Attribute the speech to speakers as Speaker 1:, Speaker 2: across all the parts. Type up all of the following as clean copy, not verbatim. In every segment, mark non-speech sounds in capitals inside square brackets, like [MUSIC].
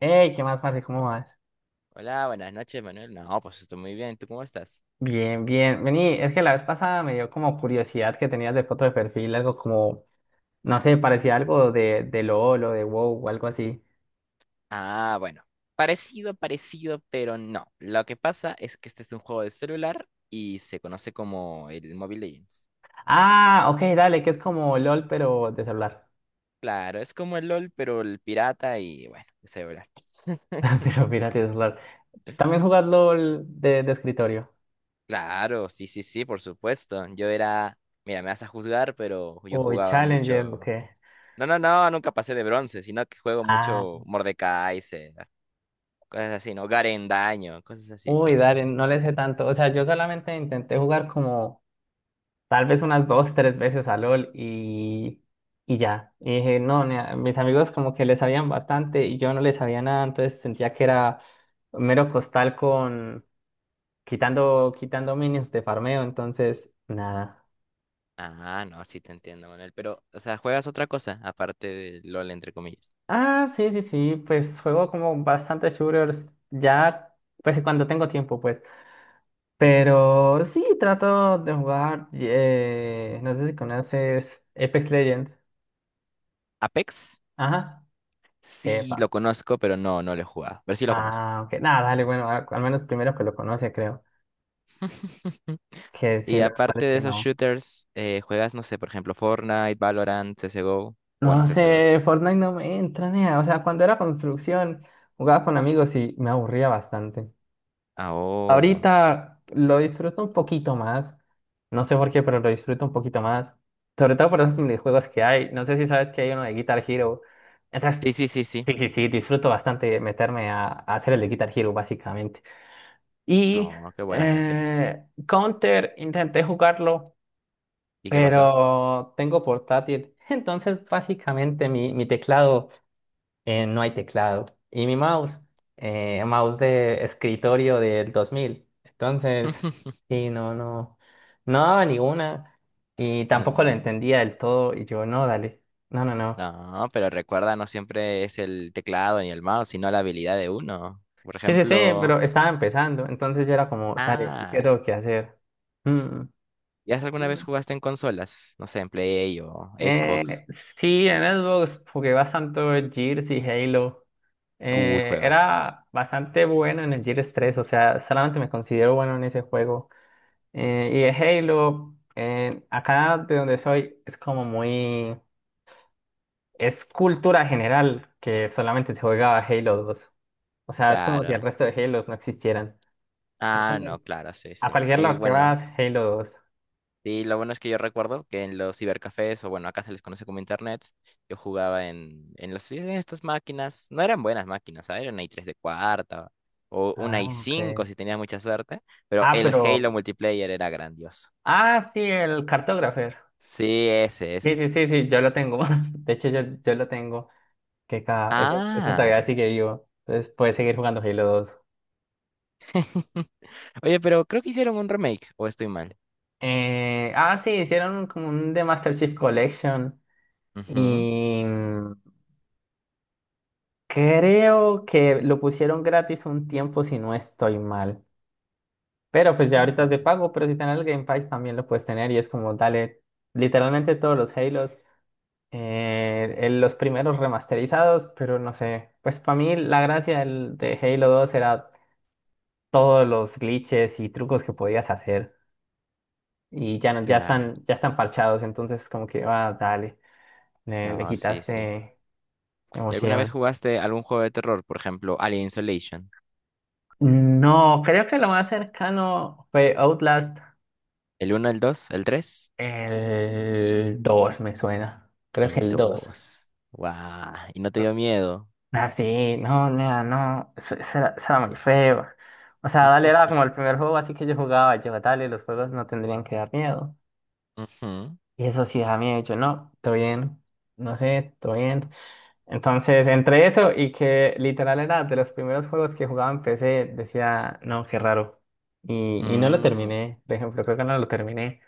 Speaker 1: Hey, ¿qué más, Marce? ¿Cómo vas?
Speaker 2: Hola, buenas noches, Manuel. No, pues estoy muy bien. ¿Tú cómo estás?
Speaker 1: Bien, bien. Vení, es que la vez pasada me dio como curiosidad que tenías de foto de perfil, algo como, no sé, parecía algo de, LOL o de WoW o algo así.
Speaker 2: Ah, bueno. Parecido, parecido, pero no. Lo que pasa es que este es un juego de celular y se conoce como el Mobile Legends.
Speaker 1: Ah, ok, dale, que es como LOL, pero de celular.
Speaker 2: Claro, es como el LOL, pero el pirata y bueno, de celular. [LAUGHS]
Speaker 1: [LAUGHS] Pero fíjate, de celular. ¿También jugás LOL de escritorio?
Speaker 2: Claro, sí, sí, sí, por supuesto. Yo era, mira, me vas a juzgar, pero yo
Speaker 1: Uy,
Speaker 2: jugaba
Speaker 1: Challenger, ok.
Speaker 2: mucho. No, no, no, nunca pasé de bronce, sino que juego
Speaker 1: Ah,
Speaker 2: mucho Mordekaiser, cosas así, ¿no? Garen Daño, cosas así.
Speaker 1: uy, dale, no le sé tanto. O sea, yo solamente intenté jugar como tal vez unas dos, tres veces a LOL y ya. Y dije, no, nea, mis amigos como que le sabían bastante y yo no le sabía nada, entonces sentía que era mero costal con quitando, quitando minions de farmeo, entonces nada.
Speaker 2: Ah, no, sí te entiendo, Manuel. Pero, o sea, ¿juegas otra cosa aparte de LOL, entre comillas?
Speaker 1: Ah, sí, sí, sí, pues juego como bastantes shooters, ya, pues cuando tengo tiempo, pues.
Speaker 2: ¿Mm?
Speaker 1: Pero sí, trato de jugar, no sé si conoces Apex Legends.
Speaker 2: ¿Apex?
Speaker 1: Ajá.
Speaker 2: Sí,
Speaker 1: Epa.
Speaker 2: lo conozco, pero no, no lo he jugado. Pero sí lo conozco.
Speaker 1: Ah, ok. Nada, dale, bueno, al menos primero que lo conoce, creo.
Speaker 2: [LAUGHS]
Speaker 1: Que sí,
Speaker 2: Y
Speaker 1: lo cual
Speaker 2: aparte
Speaker 1: es
Speaker 2: de
Speaker 1: que
Speaker 2: esos
Speaker 1: no.
Speaker 2: shooters, ¿juegas, no sé, por ejemplo, Fortnite, Valorant, CSGO? O bueno,
Speaker 1: No
Speaker 2: CS2.
Speaker 1: sé, Fortnite no me entra, nea. O sea, cuando era construcción, jugaba con amigos y me aburría bastante.
Speaker 2: Ah, oh.
Speaker 1: Ahorita lo disfruto un poquito más. No sé por qué, pero lo disfruto un poquito más. Sobre todo por esos minijuegos que hay. No sé si sabes que hay uno de Guitar Hero. Entonces,
Speaker 2: Sí, sí, sí, sí.
Speaker 1: sí, sí, sí, disfruto bastante meterme a, hacer el de Guitar Hero, básicamente. Y
Speaker 2: Oh, qué buenas canciones.
Speaker 1: Counter, intenté jugarlo.
Speaker 2: ¿Y qué pasó?
Speaker 1: Pero tengo portátil. [LAUGHS] Entonces, básicamente, mi teclado, no hay teclado. Y mi mouse, mouse de escritorio del 2000. Entonces,
Speaker 2: [LAUGHS]
Speaker 1: sí, no, no, no daba ninguna. Y tampoco lo
Speaker 2: Mm,
Speaker 1: entendía del todo. Y yo, no, dale, no, no, no.
Speaker 2: no, pero recuerda, no siempre es el teclado ni el mouse, sino la habilidad de uno. Por
Speaker 1: Sí, sí, sí,
Speaker 2: ejemplo,
Speaker 1: pero estaba empezando. Entonces, yo era como, dale, ¿qué
Speaker 2: ah,
Speaker 1: tengo que hacer? Mm.
Speaker 2: ¿Ya alguna vez jugaste en consolas? No sé, en Play o Xbox.
Speaker 1: Eh, sí, en Xbox jugué bastante Gears y Halo.
Speaker 2: Uy, juegazos.
Speaker 1: Era bastante bueno en el Gears 3, o sea, solamente me considero bueno en ese juego. Y el Halo, acá de donde soy, es como muy. Es cultura general que solamente se juega Halo 2. O sea, es como si el
Speaker 2: Claro.
Speaker 1: resto de Halos no existieran.
Speaker 2: Ah,
Speaker 1: Entonces,
Speaker 2: no, claro, sí,
Speaker 1: a
Speaker 2: sí.
Speaker 1: cualquier
Speaker 2: Y
Speaker 1: lado que
Speaker 2: bueno,
Speaker 1: vas, Halo 2.
Speaker 2: y lo bueno es que yo recuerdo que en los cibercafés, o bueno, acá se les conoce como internets, yo jugaba en estas máquinas. No eran buenas máquinas, ¿sabes? Era una i3 de cuarta o
Speaker 1: Ah,
Speaker 2: una i
Speaker 1: ok.
Speaker 2: cinco si tenías mucha suerte, pero
Speaker 1: Ah,
Speaker 2: el
Speaker 1: pero.
Speaker 2: Halo multiplayer era grandioso.
Speaker 1: Ah, sí, el cartógrafo.
Speaker 2: Sí, ese,
Speaker 1: Sí,
Speaker 2: ese.
Speaker 1: sí, sí, sí, ya la tengo. [LAUGHS] De hecho, ya la tengo. Esta todavía
Speaker 2: Ah.
Speaker 1: sigue vivo. Entonces puedes seguir jugando Halo 2.
Speaker 2: [LAUGHS] Oye, pero creo que hicieron un remake, o estoy mal.
Speaker 1: Sí, hicieron como un The Master Chief Collection.
Speaker 2: Ujú.
Speaker 1: Y creo que lo pusieron gratis un tiempo, si no estoy mal. Pero pues ya ahorita es de
Speaker 2: Mm,
Speaker 1: pago, pero si tenés el Game Pass también lo puedes tener. Y es como, dale, literalmente todos los Halos. eh, los primeros remasterizados, pero no sé. Pues para mí la gracia de Halo 2 era todos los glitches y trucos que podías hacer y ya, ya
Speaker 2: claro.
Speaker 1: están, ya están parchados, entonces como que, ah, dale, le
Speaker 2: No, sí, sí.
Speaker 1: quitaste
Speaker 2: ¿Y alguna vez
Speaker 1: emoción.
Speaker 2: jugaste algún juego de terror? Por ejemplo, Alien Isolation.
Speaker 1: No, creo que lo más cercano fue Outlast,
Speaker 2: ¿El uno, el dos, el tres?
Speaker 1: el 2 me suena, creo que
Speaker 2: ¿El
Speaker 1: el dos.
Speaker 2: dos? ¡Guau! ¿Y no te dio miedo?
Speaker 1: Ah, sí, no, nea, no, eso era muy feo. O sea, Dale era
Speaker 2: [LAUGHS]
Speaker 1: como el primer juego, así que yo jugaba, yo, Dale, los juegos no tendrían que dar miedo.
Speaker 2: Ujú.
Speaker 1: Y eso sí da miedo, yo, no, todo bien, no sé, todo bien. Entonces, entre eso y que literal era de los primeros juegos que jugaba en PC, decía, no, qué raro. Y no lo
Speaker 2: Mm,
Speaker 1: terminé, por ejemplo, creo que no lo terminé.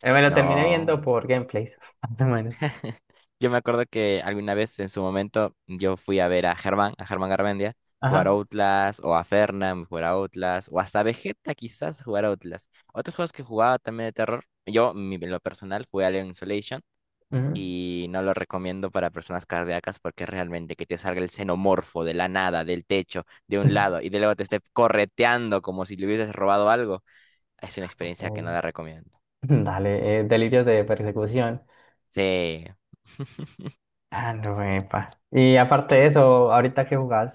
Speaker 1: Me lo terminé viendo
Speaker 2: no.
Speaker 1: por gameplays, [LAUGHS] más o menos.
Speaker 2: [LAUGHS] Yo me acuerdo que alguna vez en su momento yo fui a ver a Germán Garmendia, jugar
Speaker 1: Ajá.
Speaker 2: Outlast, o a Fernan jugar a Outlast, o hasta Vegeta quizás jugar a Outlast. Otros juegos que jugaba también de terror, yo en lo personal jugué Alien Isolation
Speaker 1: Ujú.
Speaker 2: y no lo recomiendo para personas cardíacas, porque realmente que te salga el xenomorfo de la nada, del techo, de un lado y de luego te esté correteando como si le hubieses robado algo, es una experiencia que
Speaker 1: Ok.
Speaker 2: no la recomiendo.
Speaker 1: [LAUGHS] Dale, delirios de persecución.
Speaker 2: Sí.
Speaker 1: Ah, no, epa. Y aparte de eso, ¿ahorita qué jugás?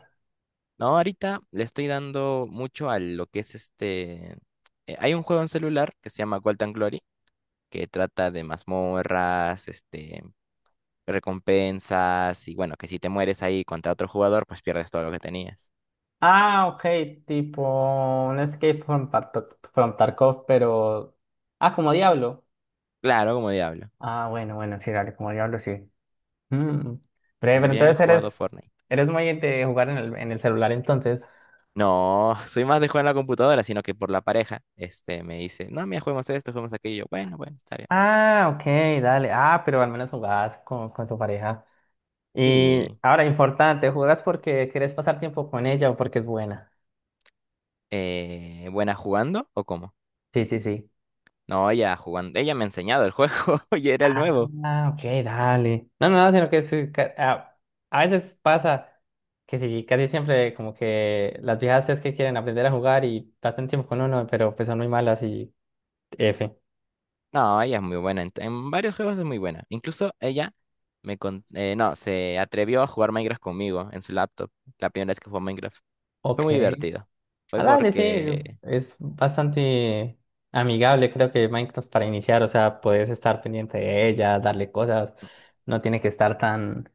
Speaker 2: No, ahorita le estoy dando mucho a lo que es este… hay un juego en celular que se llama Gold and Glory, que trata de mazmorras, este, recompensas, y bueno, que si te mueres ahí contra otro jugador, pues pierdes todo lo que tenías.
Speaker 1: Ah, ok, tipo un Escape from Tarkov, pero. Ah, como Diablo.
Speaker 2: Claro, como diablo.
Speaker 1: Ah, bueno, bueno, sí, dale, como Diablo, sí. Mm. Breve, pero
Speaker 2: También he
Speaker 1: entonces
Speaker 2: jugado
Speaker 1: eres,
Speaker 2: Fortnite.
Speaker 1: eres muy de jugar en el celular entonces.
Speaker 2: No, soy más de jugar en la computadora, sino que por la pareja, este, me dice, no, mira, juguemos esto, juguemos aquello. Bueno, bueno, está bien.
Speaker 1: Ah, ok, dale. Ah, pero al menos jugabas con tu pareja. Y
Speaker 2: Sí.
Speaker 1: ahora, importante, ¿juegas porque quieres pasar tiempo con ella o porque es buena?
Speaker 2: ¿Buena jugando o cómo?
Speaker 1: Sí, sí, sí.
Speaker 2: No, ella jugando, ella me ha enseñado el juego [LAUGHS] y era el nuevo.
Speaker 1: Ah, ok, dale. No, no, no, sino que sí, a veces pasa que sí, casi siempre como que las viejas es que quieren aprender a jugar y pasan tiempo con uno, pero pues son muy malas y F.
Speaker 2: No, ella es muy buena, en varios juegos es muy buena. Incluso ella no, se atrevió a jugar Minecraft conmigo en su laptop, la primera vez que jugó Minecraft. Fue
Speaker 1: Ok.
Speaker 2: muy divertido. Fue
Speaker 1: Ah, dale, sí,
Speaker 2: porque,
Speaker 1: es bastante amigable, creo que Minecraft para iniciar, o sea, puedes estar pendiente de ella, darle cosas, no tiene que estar tan,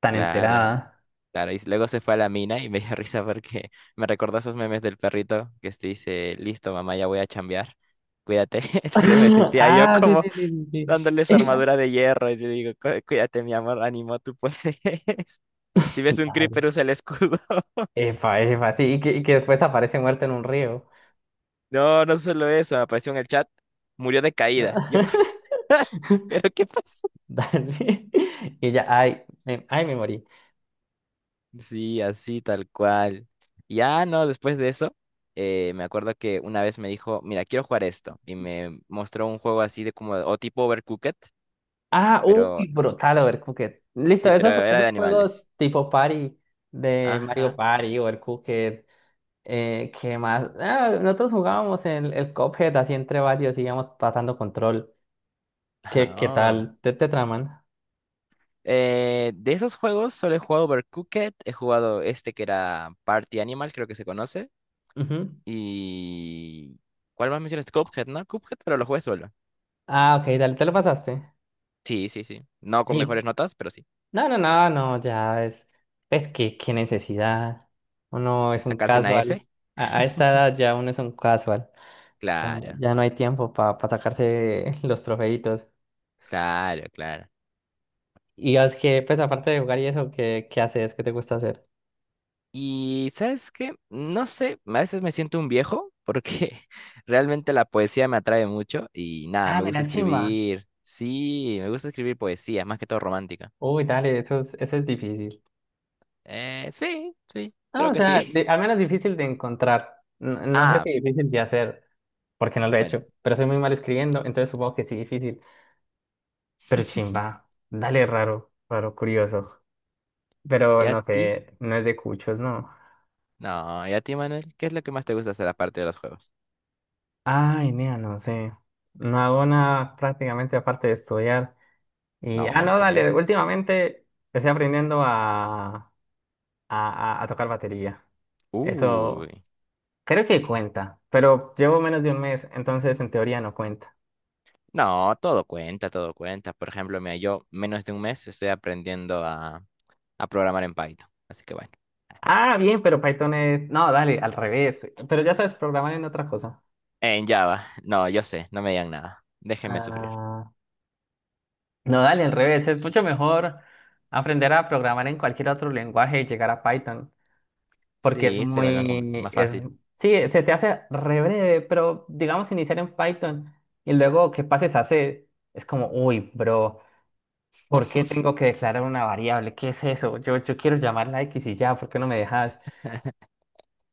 Speaker 1: tan
Speaker 2: claro.
Speaker 1: enterada.
Speaker 2: Claro, y luego se fue a la mina y me dio [LAUGHS] risa porque me recordó esos memes del perrito que este dice, listo, mamá, ya voy a chambear, cuídate. [LAUGHS] Entonces me
Speaker 1: [LAUGHS]
Speaker 2: sentía yo
Speaker 1: Ah, sí,
Speaker 2: como
Speaker 1: sí, sí, sí.
Speaker 2: dándole su
Speaker 1: Sí.
Speaker 2: armadura de hierro y le digo: Cuídate, mi amor, ánimo, tú puedes." [LAUGHS] Si
Speaker 1: [LAUGHS]
Speaker 2: ves un
Speaker 1: Dale.
Speaker 2: creeper, usa el escudo. [LAUGHS]
Speaker 1: Epa, epa, sí, y que después aparece muerta en un río.
Speaker 2: No, no solo eso, me apareció en el chat: murió de caída. Yo,
Speaker 1: [LAUGHS]
Speaker 2: [LAUGHS] ¿pero qué pasó?
Speaker 1: Dale. Y ya, ay, me morí.
Speaker 2: Sí, así tal cual. Ya no, después de eso, me acuerdo que una vez me dijo, mira, quiero jugar esto. Y me mostró un juego así de como, o tipo Overcooked,
Speaker 1: Ah, uy,
Speaker 2: pero
Speaker 1: brutal, Overcooked. Listo,
Speaker 2: sí, pero
Speaker 1: esos,
Speaker 2: era de
Speaker 1: esos juegos
Speaker 2: animales.
Speaker 1: tipo party de Mario
Speaker 2: Ajá.
Speaker 1: Party, Overcooked. ¿Qué más? Ah, nosotros jugábamos el Cuphead así entre varios, íbamos pasando control. ¿Qué
Speaker 2: Ah, oh.
Speaker 1: tal? ¿Te traman?
Speaker 2: De esos juegos solo he jugado Overcooked, he jugado este que era Party Animal, creo que se conoce.
Speaker 1: Ujú.
Speaker 2: Y… ¿Cuál más mencionaste? Cuphead, ¿no? Cuphead, pero lo jugué solo.
Speaker 1: Ah, ok, dale, te lo pasaste.
Speaker 2: Sí, sí, sí. No con
Speaker 1: Ey,
Speaker 2: mejores notas, pero sí.
Speaker 1: no, no, no, no, ya es. Es que, qué necesidad. Uno
Speaker 2: De
Speaker 1: es un
Speaker 2: sacarse una
Speaker 1: casual.
Speaker 2: S.
Speaker 1: A esta edad ya uno es un casual. Ya,
Speaker 2: Claro,
Speaker 1: ya no hay tiempo para sacarse [LAUGHS] los trofeitos.
Speaker 2: claro, claro.
Speaker 1: Y es que, pues, aparte de jugar y eso, ¿qué haces? ¿Qué te gusta hacer?
Speaker 2: Y ¿sabes qué? No sé, a veces me siento un viejo porque [LAUGHS] realmente la poesía me atrae mucho y nada,
Speaker 1: Ah,
Speaker 2: me gusta
Speaker 1: mira, chimba.
Speaker 2: escribir. Sí, me gusta escribir poesía, más que todo romántica.
Speaker 1: Uy, dale, eso es difícil.
Speaker 2: Sí, sí,
Speaker 1: No,
Speaker 2: creo
Speaker 1: o
Speaker 2: que
Speaker 1: sea,
Speaker 2: sí. [LAUGHS]
Speaker 1: al menos difícil de encontrar. No, no sé
Speaker 2: Ah,
Speaker 1: si difícil de hacer, porque no lo he
Speaker 2: bueno,
Speaker 1: hecho, pero soy muy mal escribiendo, entonces supongo que sí difícil. Pero chimba, dale raro, raro, curioso. Pero
Speaker 2: ¿y a
Speaker 1: no
Speaker 2: ti?
Speaker 1: sé, no es de cuchos, no.
Speaker 2: No, ¿y a ti, Manuel? ¿Qué es lo que más te gusta hacer aparte de los juegos?
Speaker 1: Ay, nea, no sé. No hago nada prácticamente aparte de estudiar. Y, ah,
Speaker 2: No,
Speaker 1: no,
Speaker 2: está bien.
Speaker 1: dale, últimamente estoy aprendiendo a tocar batería.
Speaker 2: Uy.
Speaker 1: Eso creo que cuenta, pero llevo menos de un mes, entonces en teoría no cuenta.
Speaker 2: No, todo cuenta, todo cuenta. Por ejemplo, mira, yo menos de un mes estoy aprendiendo a programar en Python. Así que bueno.
Speaker 1: Ah, bien, pero Python es. No, dale, al revés. Pero ya sabes programar en otra cosa.
Speaker 2: En Java. No, yo sé, no me digan nada. Déjenme sufrir.
Speaker 1: Ah, no, dale, al revés. Es mucho mejor aprender a programar en cualquier otro lenguaje y llegar a Python. Porque es
Speaker 2: Sí, se vuelve más,
Speaker 1: muy.
Speaker 2: más
Speaker 1: Es.
Speaker 2: fácil.
Speaker 1: Sí, se te hace re breve, pero digamos iniciar en Python y luego que pases a C, es como, uy, bro, ¿por qué
Speaker 2: [LAUGHS]
Speaker 1: tengo que declarar una variable? ¿Qué es eso? Yo quiero llamarla X y ya, ¿por qué no me dejas?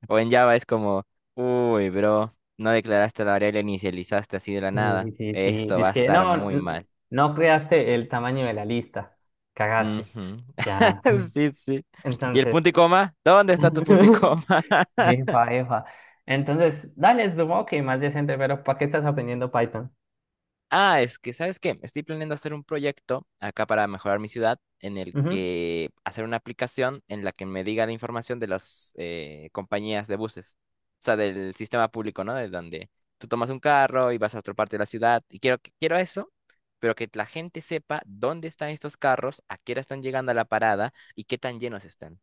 Speaker 2: O en Java es como, uy, bro, no declaraste la variable, inicializaste así de la
Speaker 1: Sí,
Speaker 2: nada.
Speaker 1: sí, sí.
Speaker 2: Esto va
Speaker 1: Dice
Speaker 2: a
Speaker 1: que
Speaker 2: estar
Speaker 1: no,
Speaker 2: muy mal.
Speaker 1: no creaste el tamaño de la lista. Cagaste.
Speaker 2: Ujú.
Speaker 1: Ya.
Speaker 2: [LAUGHS] Sí, sí. ¿Y el
Speaker 1: Entonces.
Speaker 2: punto y coma? ¿Dónde está tu punto y
Speaker 1: [LAUGHS]
Speaker 2: coma?
Speaker 1: Efa, efa. Entonces, dale, supongo que más decente, pero ¿para qué estás aprendiendo Python?
Speaker 2: Ah, es que, ¿sabes qué? Estoy planeando hacer un proyecto acá para mejorar mi ciudad, en el
Speaker 1: Ujú.
Speaker 2: que hacer una aplicación en la que me diga la información de las compañías de buses, o sea, del sistema público, ¿no? De donde tú tomas un carro y vas a otra parte de la ciudad. Y quiero, quiero eso, pero que la gente sepa dónde están estos carros, a qué hora están llegando a la parada y qué tan llenos están.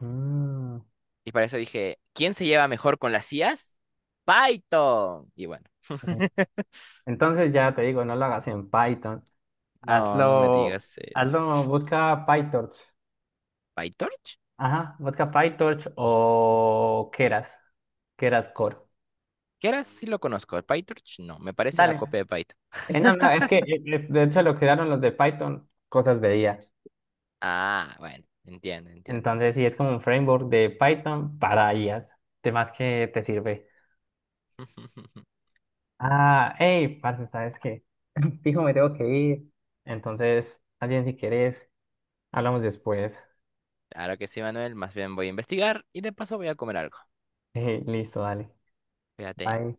Speaker 1: Mm,
Speaker 2: Y para eso dije, ¿quién se lleva mejor con las IAs? Python. Y bueno,
Speaker 1: ok.
Speaker 2: [LAUGHS]
Speaker 1: Entonces ya te digo, no lo hagas en Python.
Speaker 2: no, no me
Speaker 1: Hazlo,
Speaker 2: digas eso.
Speaker 1: hazlo, busca PyTorch.
Speaker 2: ¿PyTorch?
Speaker 1: Ajá, busca PyTorch o Keras, Keras Core.
Speaker 2: Que ahora sí lo conozco. PyTorch no, me parece una
Speaker 1: Dale.
Speaker 2: copia de Python.
Speaker 1: No, no, es que de hecho lo crearon los de Python, cosas de IA.
Speaker 2: Ah, bueno, entiendo, entiendo.
Speaker 1: Entonces sí, es como un framework de Python para IAs. ¿De más que te sirve?
Speaker 2: [LAUGHS]
Speaker 1: Ah, hey, parce, ¿sabes qué? [LAUGHS] Fijo, me tengo que ir. Entonces, alguien si querés, hablamos después. [LAUGHS]
Speaker 2: Claro que sí, Manuel. Más bien voy a investigar y de paso voy a comer algo.
Speaker 1: Listo, dale.
Speaker 2: Fíjate.
Speaker 1: Bye.